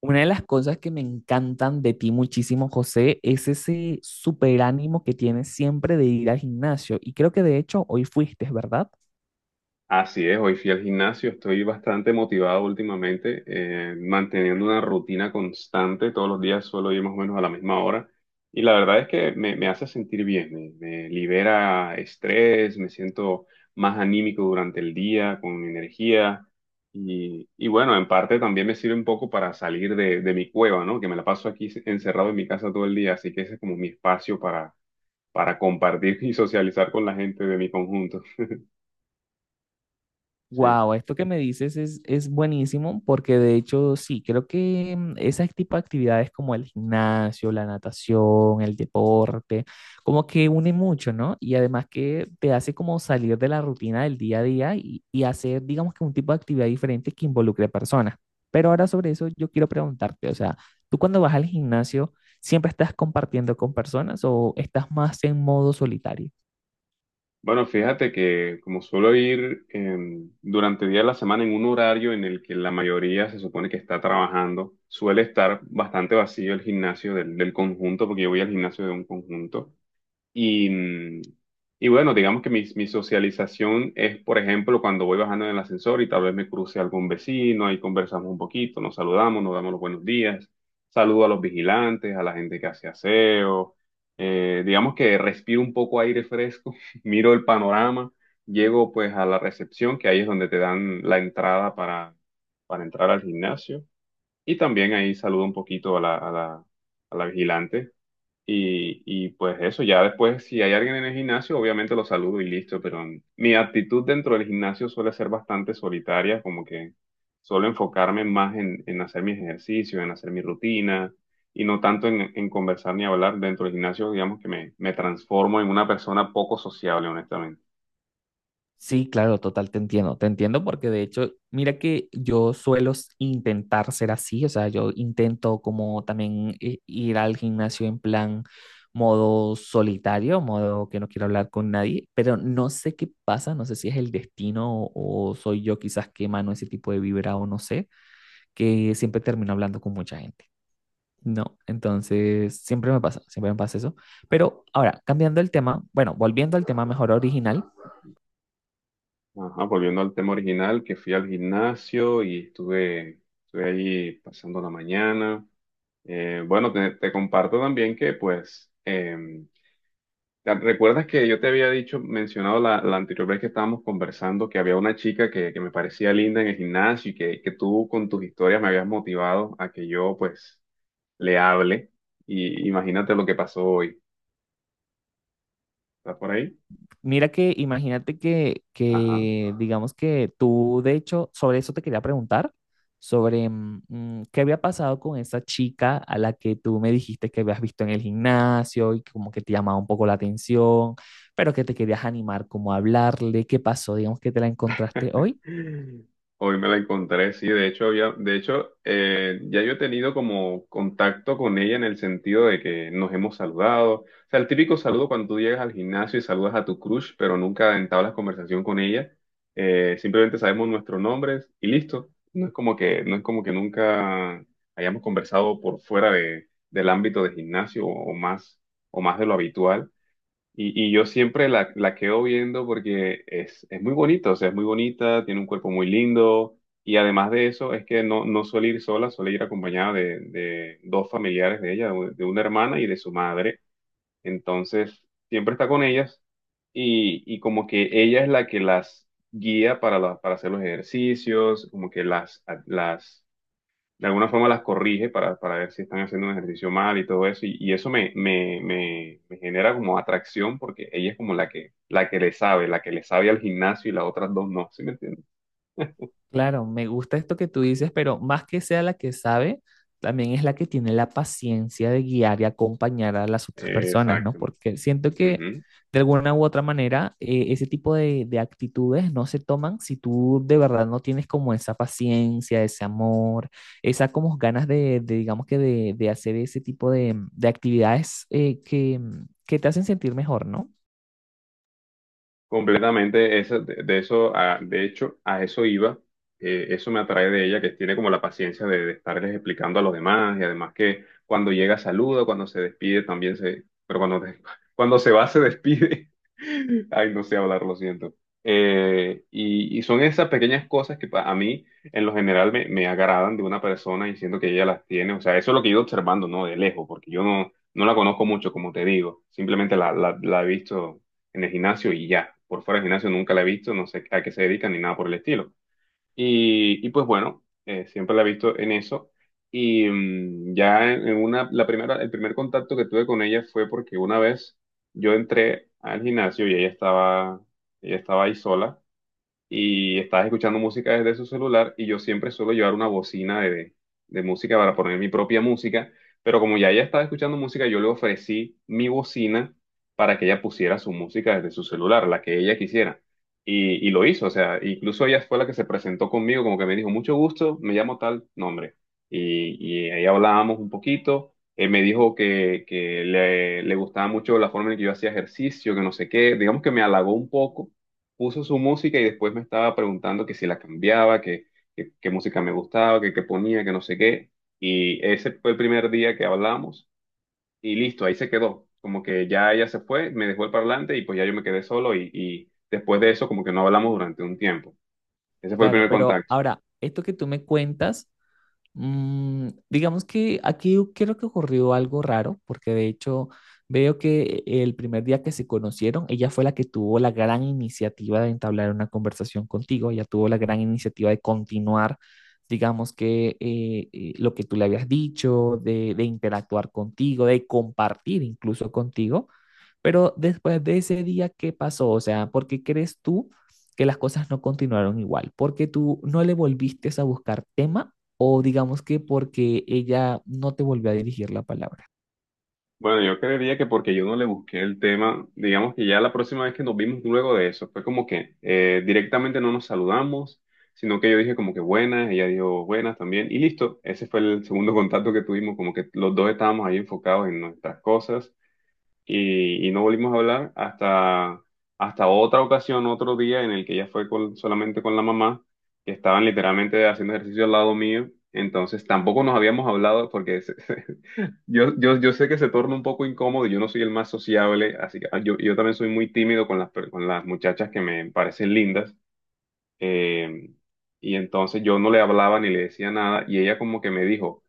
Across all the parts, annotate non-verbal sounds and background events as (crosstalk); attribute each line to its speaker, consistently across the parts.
Speaker 1: Una de las cosas que me encantan de ti muchísimo, José, es ese superánimo que tienes siempre de ir al gimnasio. Y creo que de hecho hoy fuiste, ¿verdad?
Speaker 2: Así es, hoy fui al gimnasio, estoy bastante motivado últimamente, manteniendo una rutina constante, todos los días suelo ir más o menos a la misma hora y la verdad es que me hace sentir bien, me libera estrés, me siento más anímico durante el día, con energía y bueno, en parte también me sirve un poco para salir de mi cueva, ¿no? Que me la paso aquí encerrado en mi casa todo el día, así que ese es como mi espacio para compartir y socializar con la gente de mi conjunto. Sí.
Speaker 1: Wow, esto que me dices es buenísimo porque de hecho sí, creo que ese tipo de actividades como el gimnasio, la natación, el deporte, como que une mucho, ¿no? Y además que te hace como salir de la rutina del día a día y hacer, digamos que un tipo de actividad diferente que involucre personas. Pero ahora sobre eso yo quiero preguntarte, o sea, ¿tú cuando vas al gimnasio siempre estás compartiendo con personas o estás más en modo solitario?
Speaker 2: Bueno, fíjate que como suelo ir durante el día de la semana en un horario en el que la mayoría se supone que está trabajando, suele estar bastante vacío el gimnasio del conjunto, porque yo voy al gimnasio de un conjunto. Y, mm, y bueno, digamos que mi socialización es, por ejemplo, cuando voy bajando en el ascensor y tal vez me cruce algún vecino, ahí conversamos un poquito, nos saludamos, nos damos los buenos días, saludo a los vigilantes, a la gente que hace aseo, digamos que respiro un poco aire fresco, (laughs) miro el panorama, llego pues a la recepción, que ahí es donde te dan la entrada para entrar al gimnasio, y también ahí saludo un poquito a a la vigilante. Y pues eso, ya después, si hay alguien en el gimnasio, obviamente lo saludo y listo, pero mi actitud dentro del gimnasio suele ser bastante solitaria, como que suelo enfocarme más en hacer mis ejercicios, en hacer mi rutina y no tanto en conversar ni hablar dentro del gimnasio, digamos que me transformo en una persona poco sociable, honestamente.
Speaker 1: Sí, claro, total, te entiendo porque de hecho, mira que yo suelo intentar ser así, o sea, yo intento como también ir al gimnasio en plan modo solitario, modo que no quiero hablar con nadie, pero no sé qué pasa, no sé si es el destino o soy yo quizás que emano ese tipo de vibra o no sé, que siempre termino hablando con mucha gente. No, entonces siempre me pasa eso. Pero ahora, cambiando el tema, bueno, volviendo al tema mejor original.
Speaker 2: Ajá, volviendo al tema original, que fui al gimnasio y estuve allí pasando la mañana. Bueno, te comparto también que ¿Te- ¿Recuerdas que yo te había dicho, mencionado la anterior vez que estábamos conversando, que había una chica que me parecía linda en el gimnasio y que tú con tus historias me habías motivado a que yo pues le hable? Y imagínate lo que pasó hoy. ¿Estás por ahí?
Speaker 1: Mira que imagínate que,
Speaker 2: Ajá.
Speaker 1: que, digamos que tú, de hecho, sobre eso te quería preguntar, sobre qué había pasado con esa chica a la que tú me dijiste que habías visto en el gimnasio y que como que te llamaba un poco la atención, pero que te querías animar como a hablarle, qué pasó, digamos que te la encontraste hoy.
Speaker 2: Hoy me la encontré, sí, de hecho, ya yo he tenido como contacto con ella en el sentido de que nos hemos saludado. O sea, el típico saludo cuando tú llegas al gimnasio y saludas a tu crush, pero nunca entablas conversación con ella. Simplemente sabemos nuestros nombres y listo. No es como que nunca hayamos conversado por fuera del ámbito de gimnasio o o más de lo habitual. Y yo siempre la quedo viendo porque es muy bonita, o sea, es muy bonita, tiene un cuerpo muy lindo y además de eso es que no, no suele ir sola, suele ir acompañada de dos familiares de ella, de una hermana y de su madre. Entonces, siempre está con ellas y como que ella es la que las guía para hacer los ejercicios, como que las de alguna forma las corrige para ver si están haciendo un ejercicio mal y todo eso. Y eso me genera como atracción porque ella es como la que le sabe, la que le sabe al gimnasio y las otras dos no, ¿sí me entiendes?
Speaker 1: Claro, me gusta esto que tú dices, pero más que sea la que sabe, también es la que tiene la paciencia de guiar y acompañar a las otras personas, ¿no?
Speaker 2: Exactamente.
Speaker 1: Porque siento que de alguna u otra manera ese tipo de actitudes no se toman si tú de verdad no tienes como esa paciencia, ese amor, esa como ganas digamos que de hacer ese tipo de actividades que te hacen sentir mejor, ¿no?
Speaker 2: Completamente, de eso, de hecho, a eso iba, eso me atrae de ella, que tiene como la paciencia de estarles explicando a los demás, y además que cuando llega saluda, cuando se despide también se, pero (laughs) cuando se va se despide. (laughs) Ay, no sé hablar, lo siento. Y son esas pequeñas cosas que a mí, en lo general, me agradan de una persona y siento que ella las tiene, o sea, eso es lo que he ido observando, ¿no? De lejos, porque yo no, no la conozco mucho, como te digo, simplemente la he visto en el gimnasio y ya. Por fuera del gimnasio nunca la he visto, no sé a qué se dedican ni nada por el estilo. Y pues bueno, siempre la he visto en eso. Y ya en una, la primera, el primer contacto que tuve con ella fue porque una vez yo entré al gimnasio y ella estaba ahí sola y estás escuchando música desde su celular y yo siempre suelo llevar una bocina de música para poner mi propia música, pero como ya ella estaba escuchando música, yo le ofrecí mi bocina para que ella pusiera su música desde su celular, la que ella quisiera. Y lo hizo, o sea, incluso ella fue la que se presentó conmigo, como que me dijo, mucho gusto, me llamo tal nombre. Y, y ahí hablábamos un poquito. Él me dijo que le gustaba mucho la forma en que yo hacía ejercicio, que no sé qué. Digamos que me halagó un poco, puso su música y después me estaba preguntando que si la cambiaba, qué música me gustaba, que qué ponía, que no sé qué. Y ese fue el primer día que hablamos y listo, ahí se quedó. Como que ya ella se fue, me dejó el parlante y pues ya yo me quedé solo y después de eso como que no hablamos durante un tiempo. Ese fue el
Speaker 1: Claro,
Speaker 2: primer
Speaker 1: pero
Speaker 2: contacto.
Speaker 1: ahora, esto que tú me cuentas... Mm, digamos que aquí creo que ocurrió algo raro, porque de hecho veo que el primer día que se conocieron, ella fue la que tuvo la gran iniciativa de entablar una conversación contigo, ella tuvo la gran iniciativa de continuar, digamos que lo que tú le habías dicho, de interactuar contigo, de compartir incluso contigo. Pero después de ese día, ¿qué pasó? O sea, ¿por qué crees tú que las cosas no continuaron igual? ¿Porque tú no le volviste a buscar tema o digamos que porque ella no te volvió a dirigir la palabra?
Speaker 2: Bueno, yo creería que porque yo no le busqué el tema, digamos que ya la próxima vez que nos vimos luego de eso, fue como que directamente no nos saludamos, sino que yo dije como que buenas, ella dijo buenas también, y listo, ese fue el segundo contacto que tuvimos, como que los dos estábamos ahí enfocados en nuestras cosas y no volvimos a hablar hasta otra ocasión, otro día en el que ella fue solamente con la mamá, que estaban literalmente haciendo ejercicio al lado mío, entonces tampoco nos habíamos hablado porque... (laughs) Yo sé que se torna un poco incómodo, y yo no soy el más sociable, así que yo también soy muy tímido con con las muchachas que me parecen lindas, eh, y entonces yo no le hablaba ni le decía nada, y ella como que me dijo,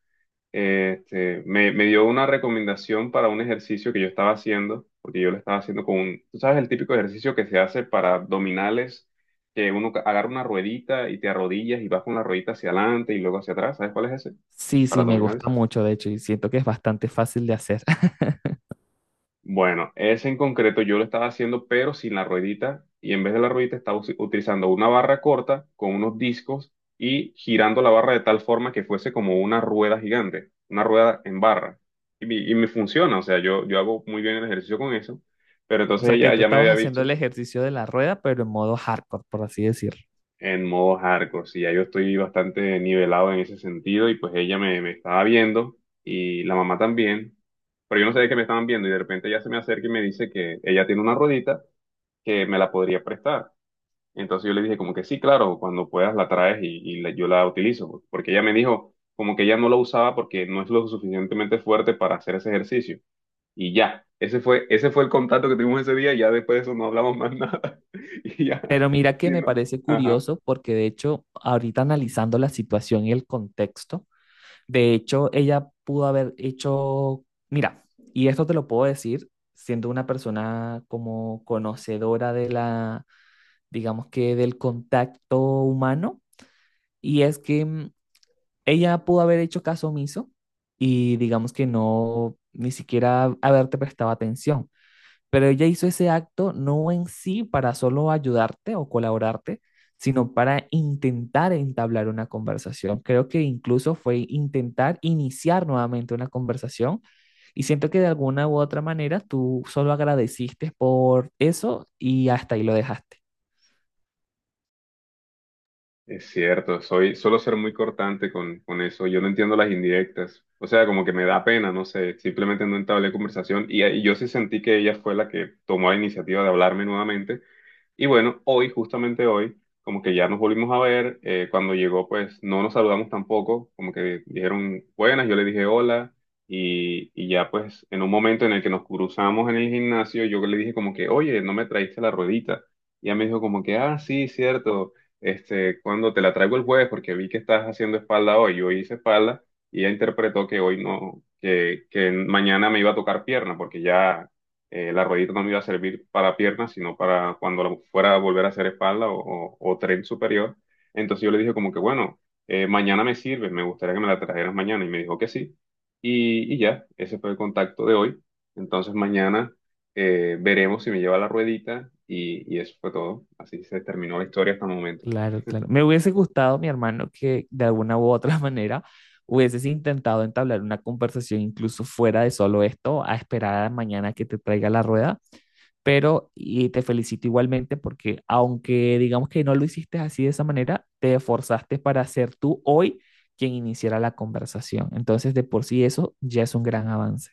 Speaker 2: me dio una recomendación para un ejercicio que yo estaba haciendo, porque yo lo estaba haciendo con un, tú sabes, el típico ejercicio que se hace para abdominales, que uno agarra una ruedita y te arrodillas y vas con la ruedita hacia adelante y luego hacia atrás, ¿sabes cuál es ese?
Speaker 1: Sí,
Speaker 2: Para
Speaker 1: sí, me gusta
Speaker 2: abdominales.
Speaker 1: mucho, de hecho, y siento que es bastante fácil de hacer. (laughs)
Speaker 2: Bueno, ese en concreto yo lo estaba haciendo, pero sin la ruedita, y en vez de la ruedita estaba utilizando una barra corta con unos discos y girando la barra de tal forma que fuese como una rueda gigante, una rueda en barra. Y y me funciona, o sea, yo hago muy bien el ejercicio con eso, pero
Speaker 1: O
Speaker 2: entonces
Speaker 1: sea, que
Speaker 2: ella
Speaker 1: tú
Speaker 2: ya me
Speaker 1: estabas
Speaker 2: había
Speaker 1: haciendo
Speaker 2: visto
Speaker 1: el ejercicio de la rueda, pero en modo hardcore, por así decirlo.
Speaker 2: en modo hardcore, sí, ya yo estoy bastante nivelado en ese sentido, y pues me estaba viendo, y la mamá también, pero yo no sabía que me estaban viendo, y de repente ella se me acerca y me dice que ella tiene una ruedita que me la podría prestar. Entonces yo le dije como que sí, claro, cuando puedas la traes y yo la utilizo, porque ella me dijo como que ella no la usaba porque no es lo suficientemente fuerte para hacer ese ejercicio. Y ya, ese fue el contacto que tuvimos ese día y ya después de eso no hablamos más (laughs) nada. Y ya,
Speaker 1: Pero mira
Speaker 2: sí,
Speaker 1: que me
Speaker 2: ¿no?
Speaker 1: parece
Speaker 2: Ajá.
Speaker 1: curioso porque de hecho, ahorita analizando la situación y el contexto, de hecho, ella pudo haber hecho, mira, y esto te lo puedo decir siendo una persona como conocedora de la, digamos que del contacto humano, y es que ella pudo haber hecho caso omiso y digamos que no, ni siquiera haberte prestado atención. Pero ella hizo ese acto no en sí para solo ayudarte o colaborarte, sino para intentar entablar una conversación. Creo que incluso fue intentar iniciar nuevamente una conversación y siento que de alguna u otra manera tú solo agradeciste por eso y hasta ahí lo dejaste.
Speaker 2: Es cierto, soy, suelo ser muy cortante con eso, yo no entiendo las indirectas, o sea, como que me da pena, no sé, simplemente no entablé conversación y yo sí sentí que ella fue la que tomó la iniciativa de hablarme nuevamente. Y bueno, hoy, justamente hoy, como que ya nos volvimos a ver, cuando llegó pues no nos saludamos tampoco, como que dijeron buenas, yo le dije hola y ya pues en un momento en el que nos cruzamos en el gimnasio, yo le dije como que, oye, no me traíste la ruedita. Y ella me dijo como que, ah, sí, cierto, este, cuando te la traigo el jueves porque vi que estás haciendo espalda hoy, yo hice espalda y ella interpretó que hoy no, que mañana me iba a tocar pierna porque ya la ruedita no me iba a servir para piernas, sino para cuando la fuera a volver a hacer espalda o tren superior. Entonces yo le dije como que, bueno, mañana me sirve, me gustaría que me la trajeras mañana. Y me dijo que sí. Y ya, ese fue el contacto de hoy. Entonces mañana veremos si me lleva la ruedita y eso fue todo. Así se terminó la historia hasta el momento.
Speaker 1: Claro, claro. Me hubiese gustado, mi hermano, que de alguna u otra (laughs) manera hubieses intentado entablar una conversación incluso fuera de solo esto, a esperar a mañana que te traiga la rueda, pero y te felicito igualmente porque aunque digamos que no lo hiciste así de esa manera, te esforzaste para ser tú hoy quien iniciara la conversación. Entonces, de por sí eso ya es un gran avance.